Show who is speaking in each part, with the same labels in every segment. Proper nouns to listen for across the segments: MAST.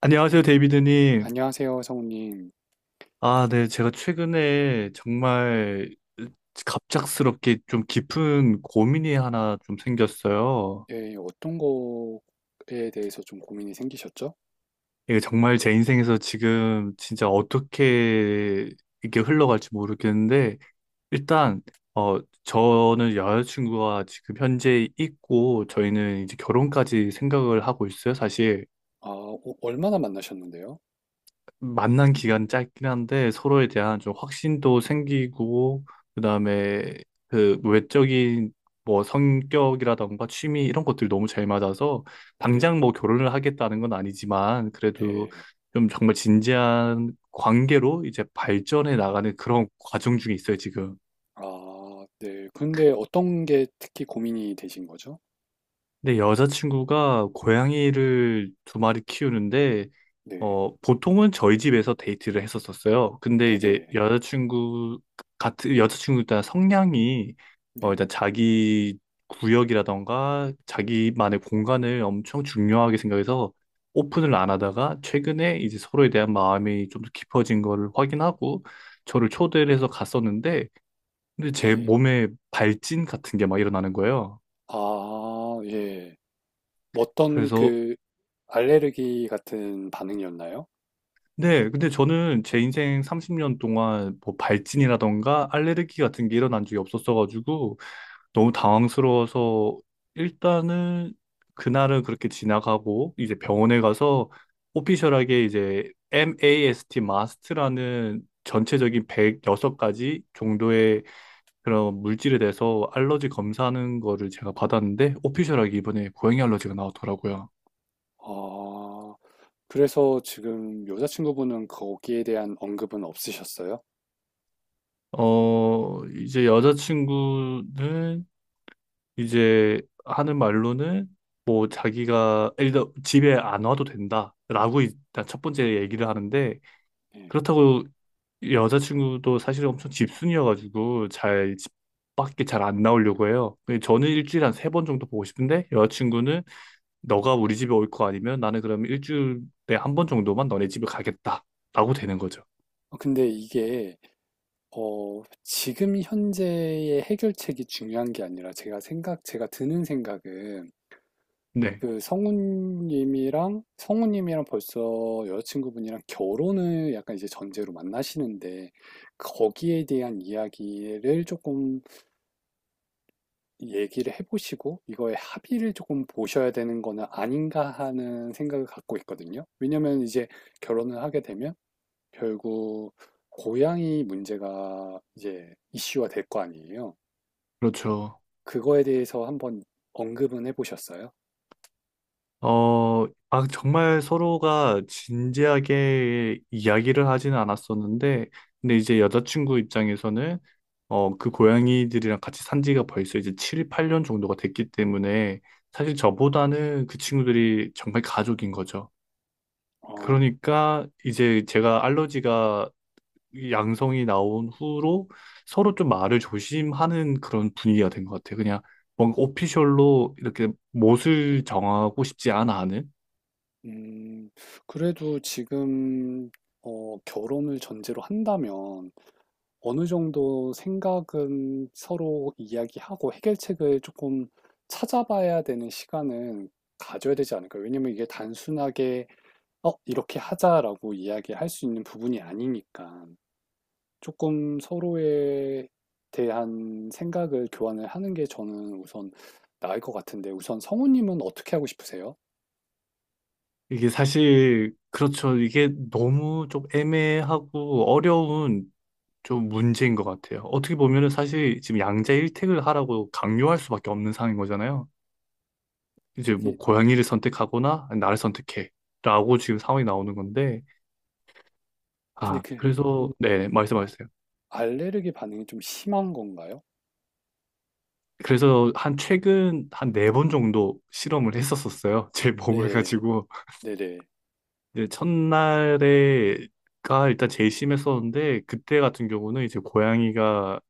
Speaker 1: 안녕하세요, 데이비드님.
Speaker 2: 안녕하세요, 성우님.
Speaker 1: 아, 네. 제가 최근에 정말 갑작스럽게 좀 깊은 고민이 하나 좀 생겼어요.
Speaker 2: 예, 어떤 거에 대해서 좀 고민이 생기셨죠?
Speaker 1: 이게 정말 제 인생에서 지금 진짜 어떻게 이게 흘러갈지 모르겠는데, 일단, 어, 저는 여자친구가 지금 현재 있고, 저희는 이제 결혼까지 생각을 하고 있어요, 사실.
Speaker 2: 아, 오- 얼마나 만나셨는데요?
Speaker 1: 만난 기간 짧긴 한데 서로에 대한 좀 확신도 생기고 그다음에 그 외적인 뭐 성격이라던가 취미 이런 것들이 너무 잘 맞아서
Speaker 2: 네네,
Speaker 1: 당장 뭐 결혼을 하겠다는 건 아니지만 그래도
Speaker 2: 네.
Speaker 1: 좀 정말 진지한 관계로 이제 발전해 나가는 그런 과정 중에 있어요, 지금.
Speaker 2: 아, 네. 근데 어떤 게 특히 고민이 되신 거죠?
Speaker 1: 근데 여자친구가 고양이를 두 마리 키우는데
Speaker 2: 네,
Speaker 1: 보통은 저희 집에서 데이트를 했었었어요. 근데 이제
Speaker 2: 네네,
Speaker 1: 여자친구 일단 성향이
Speaker 2: 네,
Speaker 1: 일단 자기 구역이라던가 자기만의 공간을 엄청 중요하게 생각해서 오픈을 안 하다가 최근에 이제 서로에 대한 마음이 좀 더 깊어진 거를 확인하고 저를 초대를 해서 갔었는데 근데 제
Speaker 2: 네.
Speaker 1: 몸에 발진 같은 게 막 일어나는 거예요.
Speaker 2: 아, 예. 어떤
Speaker 1: 그래서
Speaker 2: 그 알레르기 같은 반응이었나요?
Speaker 1: 네, 근데 저는 제 인생 30년 동안 뭐 발진이라던가 알레르기 같은 게 일어난 적이 없었어가지고 너무 당황스러워서 일단은 그날은 그렇게 지나가고 이제 병원에 가서 오피셜하게 이제 MAST, 마스트라는 전체적인 106가지 정도의 그런 물질에 대해서 알러지 검사하는 거를 제가 받았는데 오피셜하게 이번에 고양이 알러지가 나왔더라고요.
Speaker 2: 아, 그래서 지금 여자친구분은 거기에 대한 언급은 없으셨어요?
Speaker 1: 이제 여자친구는 이제 하는 말로는 뭐 자기가 일단 집에 안 와도 된다라고 일단 첫 번째 얘기를 하는데
Speaker 2: 예.
Speaker 1: 그렇다고 여자친구도 사실 엄청 집순이여가지고 잘 집 밖에 잘 안 나오려고 해요. 근데 저는 일주일에 한 세 번 정도 보고 싶은데 여자친구는 너가 우리 집에 올 거 아니면 나는 그러면 일주일에 한 번 정도만 너네 집에 가겠다라고 되는 거죠.
Speaker 2: 어, 근데 이게 어, 지금 현재의 해결책이 중요한 게 아니라 제가 생각, 제가 드는 생각은
Speaker 1: 네,
Speaker 2: 그 성우님이랑, 성우님이랑 벌써 여자친구분이랑 결혼을 약간 이제 전제로 만나시는데 거기에 대한 이야기를 조금 얘기를 해보시고 이거에 합의를 조금 보셔야 되는 거는 아닌가 하는 생각을 갖고 있거든요. 왜냐면 이제 결혼을 하게 되면 결국 고양이 문제가 이제 이슈화 될 거 아니에요.
Speaker 1: 그렇죠.
Speaker 2: 그거에 대해서 한번 언급은 해보셨어요?
Speaker 1: 어, 정말 서로가 진지하게 이야기를 하지는 않았었는데, 근데 이제 여자친구 입장에서는, 그 고양이들이랑 같이 산 지가 벌써 이제 7, 8년 정도가 됐기 때문에, 사실 저보다는 그 친구들이 정말 가족인 거죠.
Speaker 2: 어,
Speaker 1: 그러니까 이제 제가 알러지가 양성이 나온 후로 서로 좀 말을 조심하는 그런 분위기가 된 것 같아요. 그냥 뭔가 오피셜로 이렇게 못을 정하고 싶지 않아 하는?
Speaker 2: 음, 그래도 지금 어, 결혼을 전제로 한다면 어느 정도 생각은 서로 이야기하고 해결책을 조금 찾아봐야 되는 시간은 가져야 되지 않을까요? 왜냐면 이게 단순하게 어, 이렇게 하자라고 이야기할 수 있는 부분이 아니니까. 조금 서로에 대한 생각을 교환을 하는 게 저는 우선 나을 것 같은데 우선 성우님은 어떻게 하고 싶으세요?
Speaker 1: 이게 사실 그렇죠. 이게 너무 좀 애매하고 어려운 좀 문제인 것 같아요. 어떻게 보면은 사실 지금 양자 일택을 하라고 강요할 수밖에 없는 상황인 거잖아요. 이제
Speaker 2: 그게
Speaker 1: 뭐 고양이를 선택하거나 아니, 나를 선택해라고 지금 상황이 나오는 건데
Speaker 2: 근데
Speaker 1: 아
Speaker 2: 그
Speaker 1: 그래서 네 말씀하셨어요.
Speaker 2: 알레르기 반응이 좀 심한 건가요?
Speaker 1: 그래서 한 최근 한 네 번 정도 실험을 했었었어요. 제 몸을
Speaker 2: 네,
Speaker 1: 가지고
Speaker 2: 네네,
Speaker 1: 이제 첫날에 가 일단 제일 심했었는데 그때 같은 경우는 이제 고양이가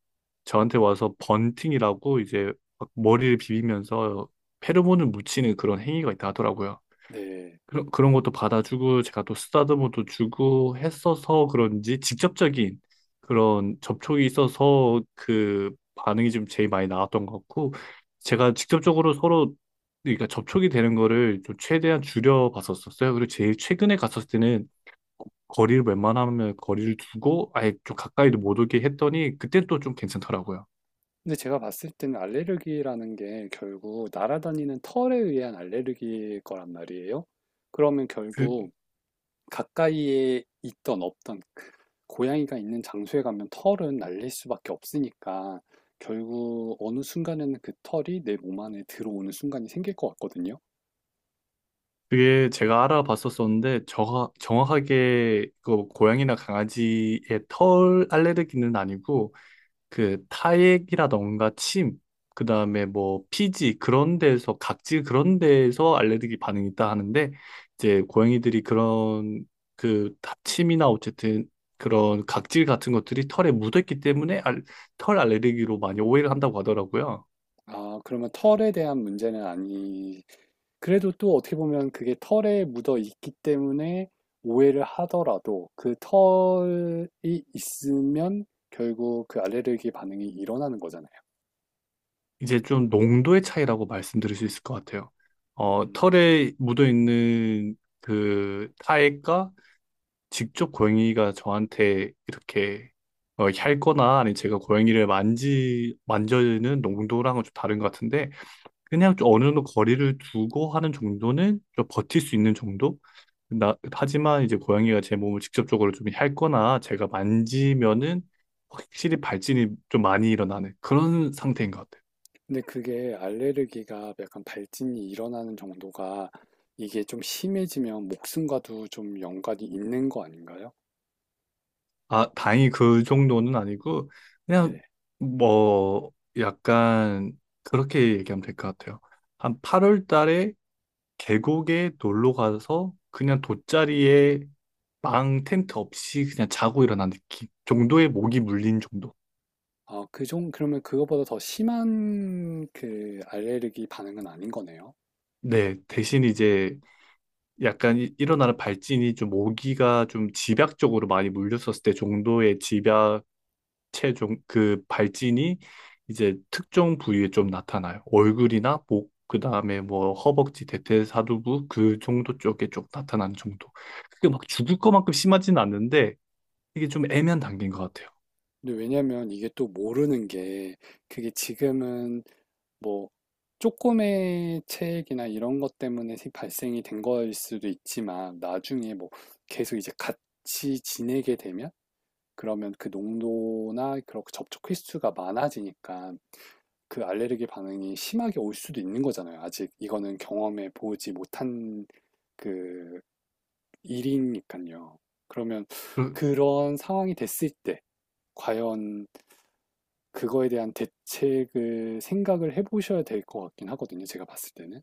Speaker 1: 저한테 와서 번팅이라고 이제 막 머리를 비비면서 페로몬을 묻히는 그런 행위가 있다 하더라고요.
Speaker 2: 네.
Speaker 1: 그런 것도 받아주고 제가 또 쓰다듬어도 주고 했어서 그런지 직접적인 그런 접촉이 있어서 그 반응이 좀 제일 많이 나왔던 것 같고 제가 직접적으로 서로 그러니까 접촉이 되는 거를 좀 최대한 줄여 봤었었어요. 그리고 제일 최근에 갔었을 때는 거리를 웬만하면 거리를 두고 아예 좀 가까이도 못 오게 했더니 그때 또 좀 괜찮더라고요.
Speaker 2: 근데 제가 봤을 때는 알레르기라는 게 결국 날아다니는 털에 의한 알레르기일 거란 말이에요. 그러면
Speaker 1: 그
Speaker 2: 결국 가까이에 있던 없던 그 고양이가 있는 장소에 가면 털은 날릴 수밖에 없으니까 결국 어느 순간에는 그 털이 내 몸 안에 들어오는 순간이 생길 것 같거든요.
Speaker 1: 그게 제가 알아봤었었는데 저 정확하게 그 고양이나 강아지의 털 알레르기는 아니고 그 타액이라던가 침 그다음에 뭐 피지 그런 데에서 각질 그런 데에서 알레르기 반응이 있다 하는데 이제 고양이들이 그런 침이나 어쨌든 그런 각질 같은 것들이 털에 묻었기 때문에 털 알레르기로 많이 오해를 한다고 하더라고요.
Speaker 2: 아, 그러면 털에 대한 문제는 아니. 그래도 또 어떻게 보면 그게 털에 묻어 있기 때문에 오해를 하더라도 그 털이 있으면 결국 그 알레르기 반응이 일어나는 거잖아요.
Speaker 1: 이제 좀 농도의 차이라고 말씀드릴 수 있을 것 같아요.
Speaker 2: 음.
Speaker 1: 털에 묻어있는 그 타액과 직접 고양이가 저한테 이렇게 핥거나 아니면 제가 고양이를 만져는 농도랑은 좀 다른 것 같은데 그냥 좀 어느 정도 거리를 두고 하는 정도는 좀 버틸 수 있는 정도? 하지만 이제 고양이가 제 몸을 직접적으로 좀 핥거나 제가 만지면은 확실히 발진이 좀 많이 일어나는 그런 상태인 것 같아요.
Speaker 2: 근데 그게 알레르기가 약간 발진이 일어나는 정도가 이게 좀 심해지면 목숨과도 좀 연관이 있는 거 아닌가요?
Speaker 1: 아, 다행히 그 정도는 아니고, 그냥,
Speaker 2: 네.
Speaker 1: 뭐, 약간, 그렇게 얘기하면 될 것 같아요. 한 8월 달에 계곡에 놀러 가서, 그냥 돗자리에 망 텐트 없이 그냥 자고 일어난 느낌 정도의 모기 물린 정도.
Speaker 2: 아, 그 종, 그러면 그거보다 더 심한 그 알레르기 반응은 아닌 거네요.
Speaker 1: 네, 대신 이제 약간 일어나는 발진이 좀 모기가 좀 집약적으로 많이 물렸었을 때 정도의 집약. 체중 그 발진이 이제 특정 부위에 좀 나타나요. 얼굴이나 목, 그다음에 뭐 허벅지, 대퇴사두부 그 정도 쪽에 좀 나타나는 정도. 그게 막 죽을 것만큼 심하진 않는데 이게 좀 애매한 단계인 것 같아요.
Speaker 2: 근데 왜냐면 이게 또 모르는 게 그게 지금은 뭐 조금의 체액이나 이런 것 때문에 생- 발생이 된 거일 수도 있지만 나중에 뭐 계속 이제 같이 지내게 되면 그러면 그 농도나 그런 그 접촉 횟수가 많아지니까 그 알레르기 반응이 심하게 올 수도 있는 거잖아요. 아직 이거는 경험해 보지 못한 그 일이니까요. 그러면 그런 상황이 됐을 때 과연 그거에 대한 대책을 생각을 해보셔야 될 것 같긴 하거든요. 제가 봤을 때는.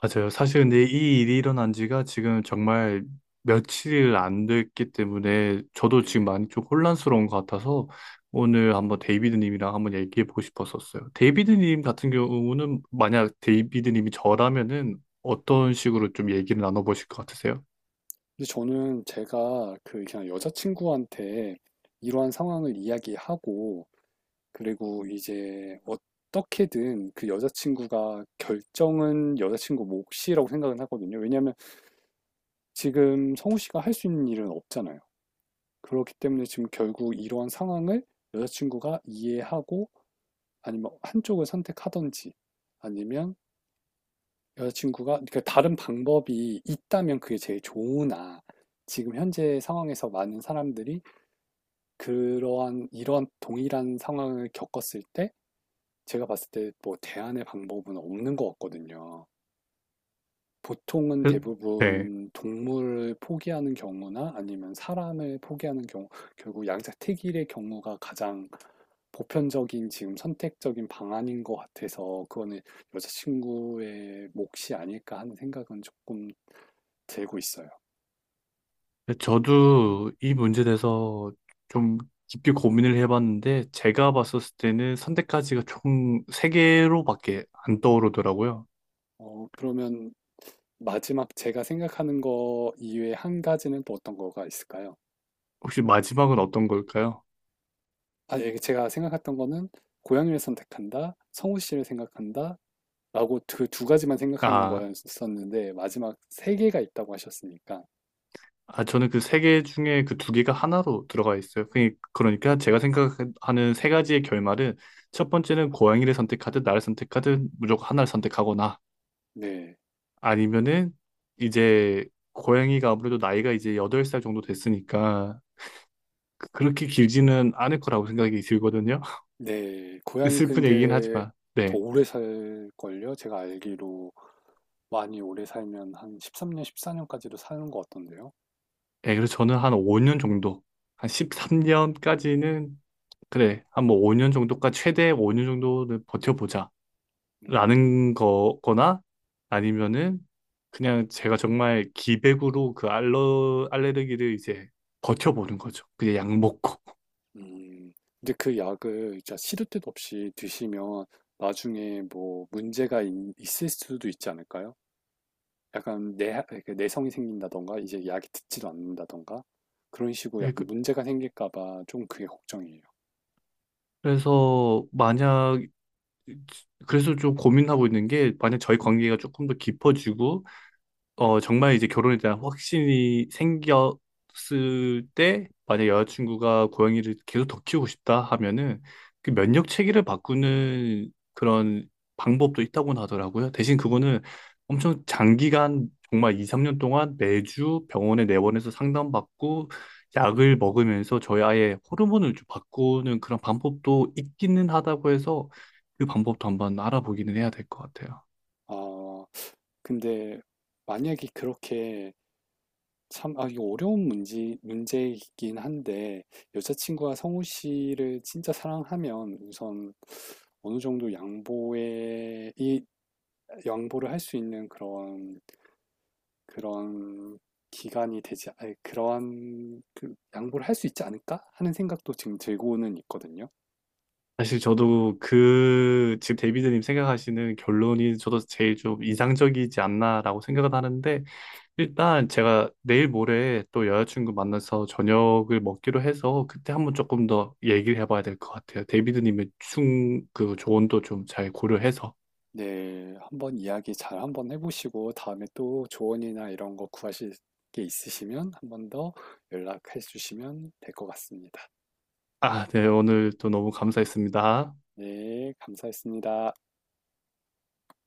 Speaker 1: 맞아요. 사실 근데 이 일이 일어난 지가 지금 정말 며칠 안 됐기 때문에 저도 지금
Speaker 2: 네.
Speaker 1: 많이 좀 혼란스러운 것 같아서 오늘 한번 데이비드님이랑 한번 얘기해 보고 싶었었어요. 데이비드님 같은 경우는 만약 데이비드님이 저라면은 어떤 식으로 좀 얘기를 나눠보실 것 같으세요?
Speaker 2: 근데 저는 제가 그 그냥 여자친구한테 이러한 상황을 이야기하고 그리고 이제 어떻게든 그 여자친구가 결정은 여자친구 몫이라고 생각은 하거든요. 왜냐하면 지금 성우 씨가 할 수 있는 일은 없잖아요. 그렇기 때문에 지금 결국 이러한 상황을 여자친구가 이해하고 아니면 한쪽을 선택하든지 아니면 여자친구가 그러니까 다른 방법이 있다면 그게 제일 좋으나 지금 현재 상황에서 많은 사람들이 그러한 이러한 동일한 상황을 겪었을 때 제가 봤을 때 뭐 대안의 방법은 없는 것 같거든요. 보통은
Speaker 1: 그- 네.
Speaker 2: 대부분 동물을 포기하는 경우나 아니면 사람을 포기하는 경우, 결국 양자택일의 경우가 가장 보편적인 지금 선택적인 방안인 것 같아서 그거는 여자친구의 몫이 아닐까 하는 생각은 조금 들고 있어요.
Speaker 1: 저도 이 문제에 대해서 좀 깊게 고민을 해봤는데 제가 봤었을 때는 선택까지가 총 세 개로밖에 안 떠오르더라고요.
Speaker 2: 어, 그러면 마지막 제가 생각하는 거 이외에 한 가지는 또 어떤 거가 있을까요?
Speaker 1: 혹시 마지막은 어떤 걸까요?
Speaker 2: 아, 예, 제가 생각했던 거는 고양이를 선택한다, 성우 씨를 생각한다, 라고 그 두 가지만 생각하는
Speaker 1: 아,
Speaker 2: 거였었는데, 마지막 세 개가 있다고 하셨으니까.
Speaker 1: 아, 저는 그 세 개 중에 그 두 개가 하나로 들어가 있어요. 그러니까 제가 생각하는 세 가지의 결말은 첫 번째는 고양이를 선택하든 나를 선택하든 무조건 하나를 선택하거나
Speaker 2: 네,
Speaker 1: 아니면은 이제 고양이가 아무래도 나이가 이제 8살 정도 됐으니까 그렇게 길지는 않을 거라고 생각이 들거든요.
Speaker 2: 네. 고양이
Speaker 1: 슬픈 얘기긴
Speaker 2: 근데
Speaker 1: 하지만.
Speaker 2: 더
Speaker 1: 네.
Speaker 2: 오래 살걸요? 제가 알기로 많이 오래 살면 한 13년, 14년까지도 사는 것 같던데요.
Speaker 1: 네, 그래서 저는 한 5년 정도, 한 13년까지는 그래, 한 뭐 5년 정도까지, 최대 5년 정도는 버텨보자.
Speaker 2: 음,
Speaker 1: 라는 거거나, 아니면은, 그냥 제가 정말 기백으로 그 알레르기를 이제 버텨보는 거죠. 그냥 약 먹고.
Speaker 2: 음. 근데 그 약을 진짜 시도 때도 없이 드시면 나중에 뭐 문제가 있- 있을 수도 있지 않을까요? 약간 내, 내성이 생긴다던가, 이제 약이 듣지도 않는다던가, 그런 식으로
Speaker 1: 예,
Speaker 2: 약간 문제가 생길까봐 좀 그게 걱정이에요.
Speaker 1: 래서 만약, 그래서 좀 고민하고 있는 게, 만약 저희 관계가 조금 더 깊어지고, 정말 이제 결혼에 대한 확신이 생겼을 때, 만약 여자친구가 고양이를 계속 더 키우고 싶다 하면은, 그 면역 체계를 바꾸는 그런 방법도 있다고 하더라고요. 대신 그거는 엄청 장기간, 정말 2, 3년 동안 매주 병원에 내원해서 상담받고, 약을 먹으면서 저희 아이의 호르몬을 좀 바꾸는 그런 방법도 있기는 하다고 해서, 그 방법도 한번 알아보기는 해야 될 것 같아요.
Speaker 2: 아, 근데 만약에 그렇게 참, 아, 이거 어려운 문제, 문제이긴 한데, 여자친구가 성우 씨를 진짜 사랑하면 우선 어느 정도 양보에, 이, 양보를 할 수 있는 그런, 그런 기간이 되지, 아니, 그러한, 그, 양보를 할 수 있지 않을까? 하는 생각도 지금 들고는 있거든요.
Speaker 1: 사실 저도 그 지금 데이비드님 생각하시는 결론이 저도 제일 좀 인상적이지 않나라고 생각은 하는데 일단 제가 내일 모레 또 여자친구 만나서 저녁을 먹기로 해서 그때 한번 조금 더 얘기를 해봐야 될 것 같아요. 데이비드님의 충 그 조언도 좀 잘 고려해서
Speaker 2: 네, 한번 이야기 잘 한번 해보시고 다음에 또 조언이나 이런 거 구하실 게 있으시면 한번 더 연락해 주시면 될 것 같습니다.
Speaker 1: 아, 네 오늘 또 너무 감사했습니다.
Speaker 2: 네, 감사했습니다.